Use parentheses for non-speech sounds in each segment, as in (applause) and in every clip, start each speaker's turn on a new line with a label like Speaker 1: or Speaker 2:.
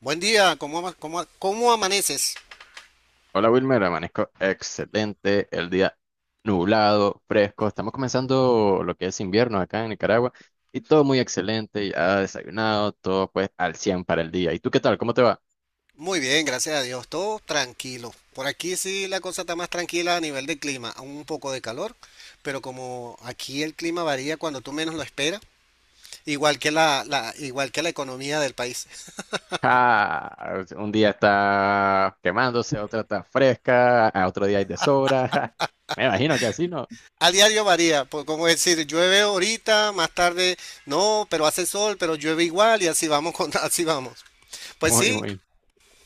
Speaker 1: Buen día, ¿cómo amaneces?
Speaker 2: Hola Wilmer, amanezco excelente, el día nublado, fresco, estamos comenzando lo que es invierno acá en Nicaragua y todo muy excelente, ya desayunado, todo pues al 100 para el día. ¿Y tú qué tal? ¿Cómo te va?
Speaker 1: Muy bien, gracias a Dios, todo tranquilo. Por aquí sí la cosa está más tranquila a nivel de clima, un poco de calor, pero como aquí el clima varía cuando tú menos lo esperas, igual que la economía del país.
Speaker 2: Ah, un día está quemándose, otro está fresca, a otro día hay de sobra. (laughs) Me imagino que así, ¿no?
Speaker 1: A diario varía, por, como decir, llueve ahorita, más tarde no, pero hace sol, pero llueve igual y (laughs) así vamos. Pues
Speaker 2: Muy,
Speaker 1: sí,
Speaker 2: muy.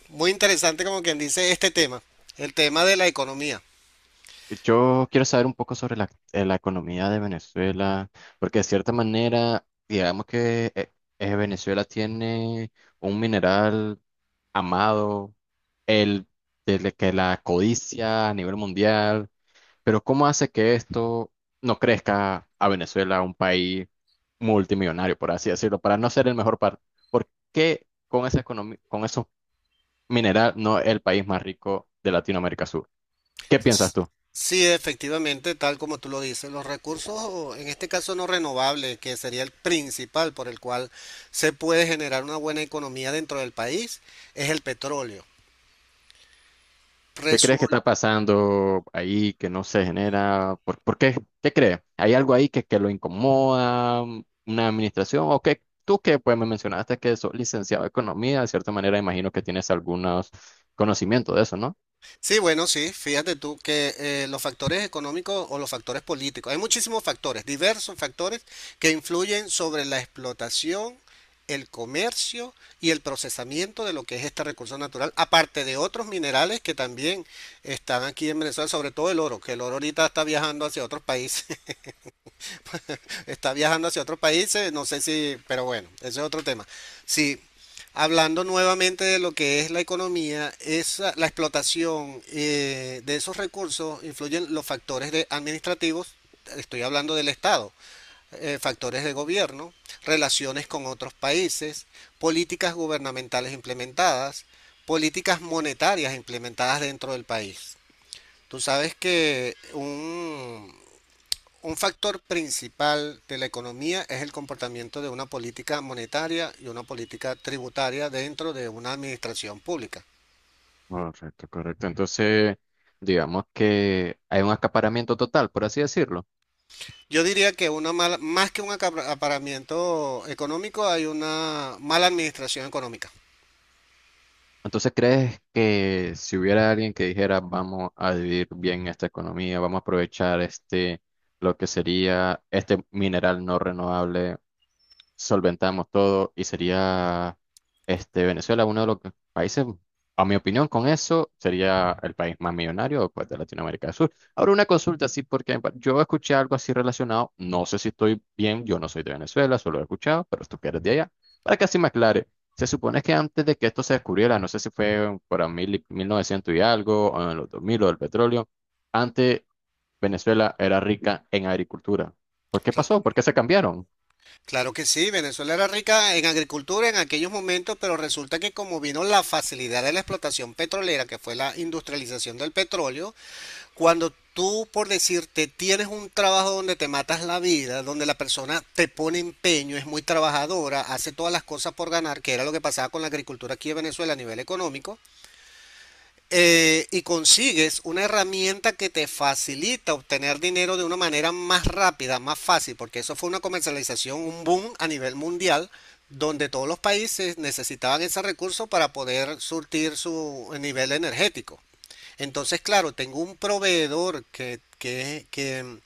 Speaker 1: muy interesante como quien dice este tema, el tema de la economía.
Speaker 2: Yo quiero saber un poco sobre la economía de Venezuela, porque de cierta manera, digamos que Venezuela tiene un mineral amado, el desde que la codicia a nivel mundial, pero ¿cómo hace que esto no crezca a Venezuela, un país multimillonario, por así decirlo, para no ser el mejor par? ¿Por qué con esa economía, con esos minerales no es el país más rico de Latinoamérica Sur? ¿Qué piensas tú?
Speaker 1: Sí, efectivamente, tal como tú lo dices, los recursos, en este caso no renovables, que sería el principal por el cual se puede generar una buena economía dentro del país, es el petróleo.
Speaker 2: ¿Qué crees que está pasando ahí que no se genera? ¿Por qué? ¿Qué crees? ¿Hay algo ahí que lo incomoda? ¿Una administración? ¿O qué? Tú que pues me mencionaste que sos licenciado en economía, de cierta manera imagino que tienes algunos conocimientos de eso, ¿no?
Speaker 1: Sí, bueno, sí, fíjate tú que los factores económicos o los factores políticos, hay muchísimos factores, diversos factores que influyen sobre la explotación, el comercio y el procesamiento de lo que es este recurso natural, aparte de otros minerales que también están aquí en Venezuela, sobre todo el oro, que el oro ahorita está viajando hacia otros países, no sé si, pero bueno, ese es otro tema. Sí, hablando nuevamente de lo que es la economía, la explotación de esos recursos influyen los factores administrativos, estoy hablando del Estado, factores de gobierno, relaciones con otros países, políticas gubernamentales implementadas, políticas monetarias implementadas dentro del país. Tú sabes que un factor principal de la economía es el comportamiento de una política monetaria y una política tributaria dentro de una administración pública.
Speaker 2: Correcto, correcto. Entonces, digamos que hay un acaparamiento total, por así decirlo.
Speaker 1: Yo diría que una mala, más que un acaparamiento económico, hay una mala administración económica.
Speaker 2: Entonces, ¿crees que si hubiera alguien que dijera vamos a vivir bien esta economía, vamos a aprovechar este, lo que sería este mineral no renovable? Solventamos todo y sería este Venezuela uno de los países, a mi opinión, con eso sería el país más millonario pues, de Latinoamérica del Sur. Ahora una consulta así porque bueno, yo escuché algo así relacionado, no sé si estoy bien, yo no soy de Venezuela, solo he escuchado, pero tú que eres de allá, para que así me aclare. Se supone que antes de que esto se descubriera, no sé si fue por 1900 y algo, o en los 2000 o del petróleo, antes Venezuela era rica en agricultura. ¿Por qué pasó? ¿Por qué se cambiaron?
Speaker 1: Claro que sí, Venezuela era rica en agricultura en aquellos momentos, pero resulta que como vino la facilidad de la explotación petrolera, que fue la industrialización del petróleo. Cuando tú, por decirte, tienes un trabajo donde te matas la vida, donde la persona te pone empeño, es muy trabajadora, hace todas las cosas por ganar, que era lo que pasaba con la agricultura aquí en Venezuela a nivel económico, y consigues una herramienta que te facilita obtener dinero de una manera más rápida, más fácil, porque eso fue una comercialización, un boom a nivel mundial, donde todos los países necesitaban ese recurso para poder surtir su nivel energético. Entonces, claro, tengo un proveedor que, que, que,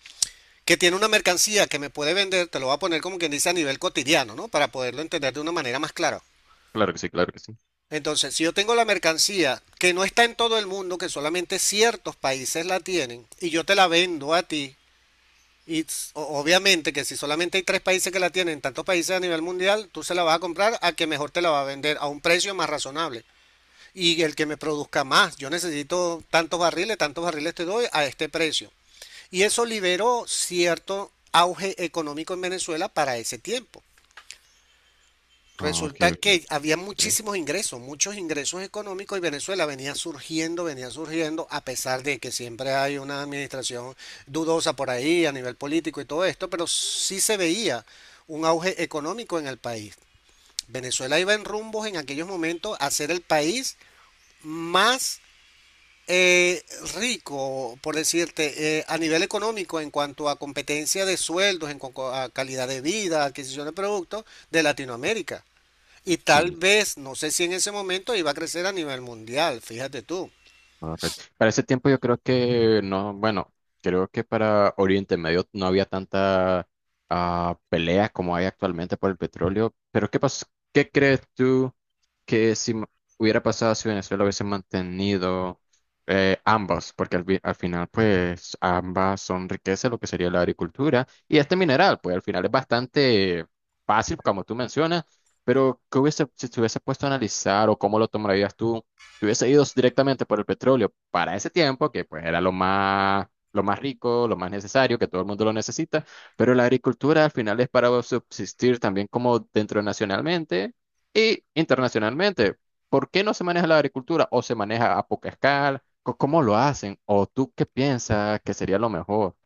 Speaker 1: que tiene una mercancía que me puede vender, te lo voy a poner como quien dice a nivel cotidiano, ¿no? Para poderlo entender de una manera más clara.
Speaker 2: Claro que sí, claro que sí.
Speaker 1: Entonces, si yo tengo la mercancía que no está en todo el mundo, que solamente ciertos países la tienen, y yo te la vendo a ti, y obviamente que si solamente hay tres países que la tienen, tantos países a nivel mundial, tú se la vas a comprar a que mejor te la va a vender a un precio más razonable. Y el que me produzca más, yo necesito tantos barriles te doy a este precio. Y eso liberó cierto auge económico en Venezuela para ese tiempo.
Speaker 2: Ah, ok,
Speaker 1: Resulta
Speaker 2: ok.
Speaker 1: que había
Speaker 2: Sí,
Speaker 1: muchísimos ingresos, muchos ingresos económicos y Venezuela venía surgiendo, a pesar de que siempre hay una administración dudosa por ahí a nivel político y todo esto, pero sí se veía un auge económico en el país. Venezuela iba en rumbos en aquellos momentos a ser el país más eh, rico, por decirte, a nivel económico en cuanto a competencia de sueldos, en cuanto a calidad de vida, adquisición de productos de Latinoamérica. Y tal
Speaker 2: sí,
Speaker 1: vez, no sé si en ese momento iba a crecer a nivel mundial, fíjate tú.
Speaker 2: correcto. Para ese tiempo yo creo que no, bueno, creo que para Oriente Medio no había tanta pelea como hay actualmente por el petróleo. Pero ¿qué crees tú que si hubiera pasado si Venezuela hubiese mantenido ambas? Porque al final, pues, ambas son riquezas, lo que sería la agricultura y este mineral, pues al final es bastante fácil, como tú mencionas. Pero, ¿qué hubiese, si te hubiese puesto a analizar o cómo lo tomarías tú? Si hubiese ido directamente por el petróleo para ese tiempo, que pues era lo más rico, lo más necesario, que todo el mundo lo necesita, pero la agricultura al final es para subsistir también como dentro nacionalmente e internacionalmente. ¿Por qué no se maneja la agricultura o se maneja a poca escala? ¿Cómo lo hacen? ¿O tú qué piensas que sería lo mejor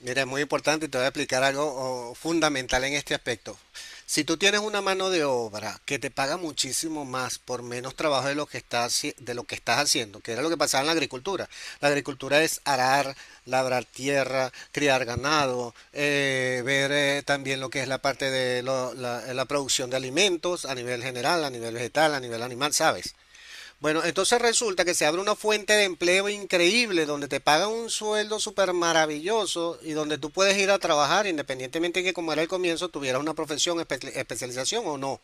Speaker 1: Mira, es muy importante y te voy a explicar algo oh, fundamental en este aspecto. Si tú tienes una mano de obra que te paga muchísimo más por menos trabajo de lo que estás haciendo, que era lo que pasaba en la agricultura. La agricultura es arar, labrar tierra, criar ganado, ver también lo que es la parte de la producción de alimentos a nivel general, a nivel vegetal, a nivel animal, ¿sabes? Bueno, entonces resulta que se abre una fuente de empleo increíble donde te pagan un sueldo súper maravilloso y donde tú puedes ir a trabajar independientemente de que como era el comienzo tuvieras una profesión, especialización o no.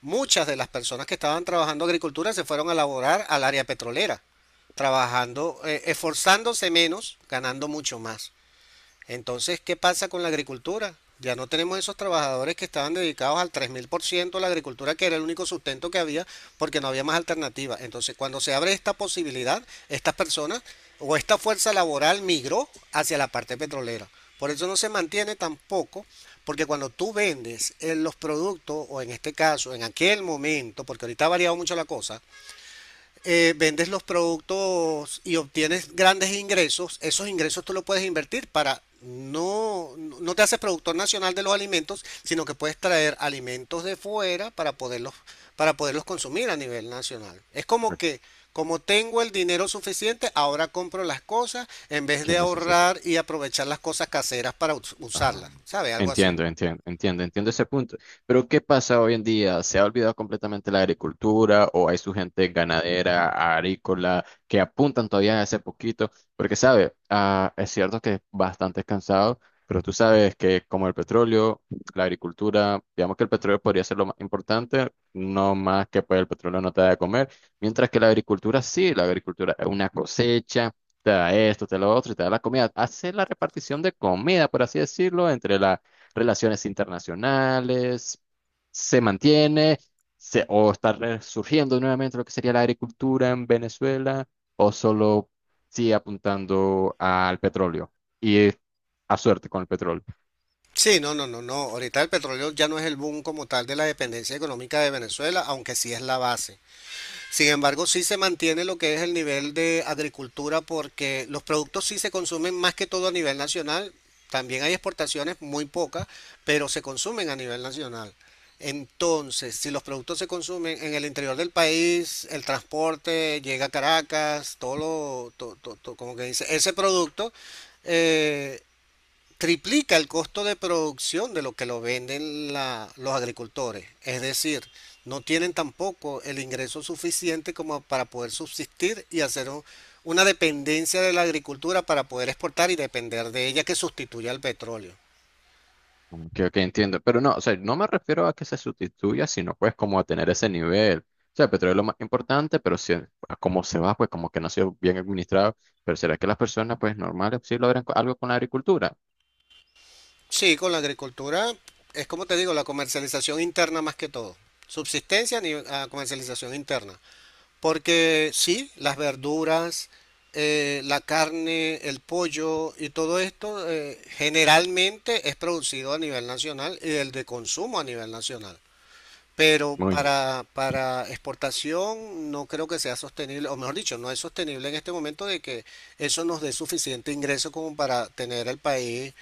Speaker 1: Muchas de las personas que estaban trabajando agricultura se fueron a laborar al área petrolera, trabajando, esforzándose menos, ganando mucho más. Entonces, ¿qué pasa con la agricultura? Ya no tenemos esos trabajadores que estaban dedicados al 3.000% a la agricultura, que era el único sustento que había, porque no había más alternativa. Entonces, cuando se abre esta posibilidad, estas personas o esta fuerza laboral migró hacia la parte petrolera. Por eso no se mantiene tampoco, porque cuando tú vendes en los productos, o en este caso, en aquel momento, porque ahorita ha variado mucho la cosa, vendes los productos y obtienes grandes ingresos, esos ingresos tú los puedes invertir para no, no te haces productor nacional de los alimentos, sino que puedes traer alimentos de fuera para poderlos, consumir a nivel nacional. Es como que, como tengo el dinero suficiente, ahora compro las cosas en vez
Speaker 2: que
Speaker 1: de
Speaker 2: necesitan?
Speaker 1: ahorrar y aprovechar las cosas caseras para
Speaker 2: Ah,
Speaker 1: usarlas, ¿sabes? Algo así.
Speaker 2: entiendo, entiendo, entiendo, entiendo ese punto. Pero ¿qué pasa hoy en día? ¿Se ha olvidado completamente la agricultura o hay su gente ganadera, agrícola, que apuntan todavía a ese poquito? Porque, sabe, es cierto que es bastante cansado, pero tú sabes que como el petróleo, la agricultura, digamos que el petróleo podría ser lo más importante, no más que pues el petróleo no te da de comer, mientras que la agricultura sí, la agricultura es una cosecha, te da esto, te da lo otro y te da la comida. Hace la repartición de comida, por así decirlo, entre las relaciones internacionales, se mantiene, se, o está resurgiendo nuevamente lo que sería la agricultura en Venezuela, o solo sigue apuntando al petróleo y a suerte con el petróleo.
Speaker 1: Sí, no, no, no, no. Ahorita el petróleo ya no es el boom como tal de la dependencia económica de Venezuela, aunque sí es la base. Sin embargo, sí se mantiene lo que es el nivel de agricultura porque los productos sí se consumen más que todo a nivel nacional. También hay exportaciones muy pocas, pero se consumen a nivel nacional. Entonces, si los productos se consumen en el interior del país, el transporte llega a Caracas, todo lo, to- to- to- como que dice, ese producto eh, triplica el costo de producción de lo que lo venden los agricultores. Es decir, no tienen tampoco el ingreso suficiente como para poder subsistir y hacer una dependencia de la agricultura para poder exportar y depender de ella que sustituya al petróleo.
Speaker 2: Que, ok, entiendo, pero no, o sea, no me refiero a que se sustituya, sino pues como a tener ese nivel. O sea, el petróleo es lo más importante, pero si, a cómo se va, pues como que no ha sido bien administrado. Pero ¿será que las personas pues normales sí logran algo con la agricultura?
Speaker 1: Sí, con la agricultura es como te digo, la comercialización interna más que todo. Subsistencia ni a comercialización interna. Porque sí, las verduras, la carne, el pollo y todo esto generalmente es producido a nivel nacional y el de consumo a nivel nacional. Pero para exportación no creo que sea sostenible, o mejor dicho, no es sostenible en este momento de que eso nos dé suficiente ingreso como para tener el país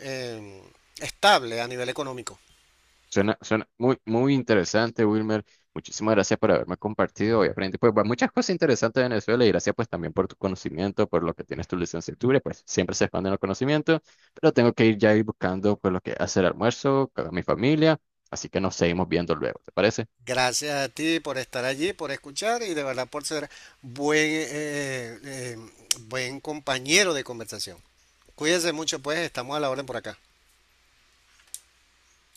Speaker 1: eh, estable a nivel económico.
Speaker 2: Suena, suena muy, muy interesante, Wilmer. Muchísimas gracias por haberme compartido. Hoy aprendí pues, muchas cosas interesantes de Venezuela y gracias pues también por tu conocimiento, por lo que tienes tu licenciatura. Y pues siempre se expanden los conocimientos, pero tengo que ir ya ir buscando pues lo que hacer almuerzo con mi familia. Así que nos seguimos viendo luego, ¿te parece?
Speaker 1: Gracias a ti por estar allí, por escuchar y de verdad por ser buen, eh, eh, eh, buen compañero de conversación. Cuídense mucho, pues estamos a la orden por acá.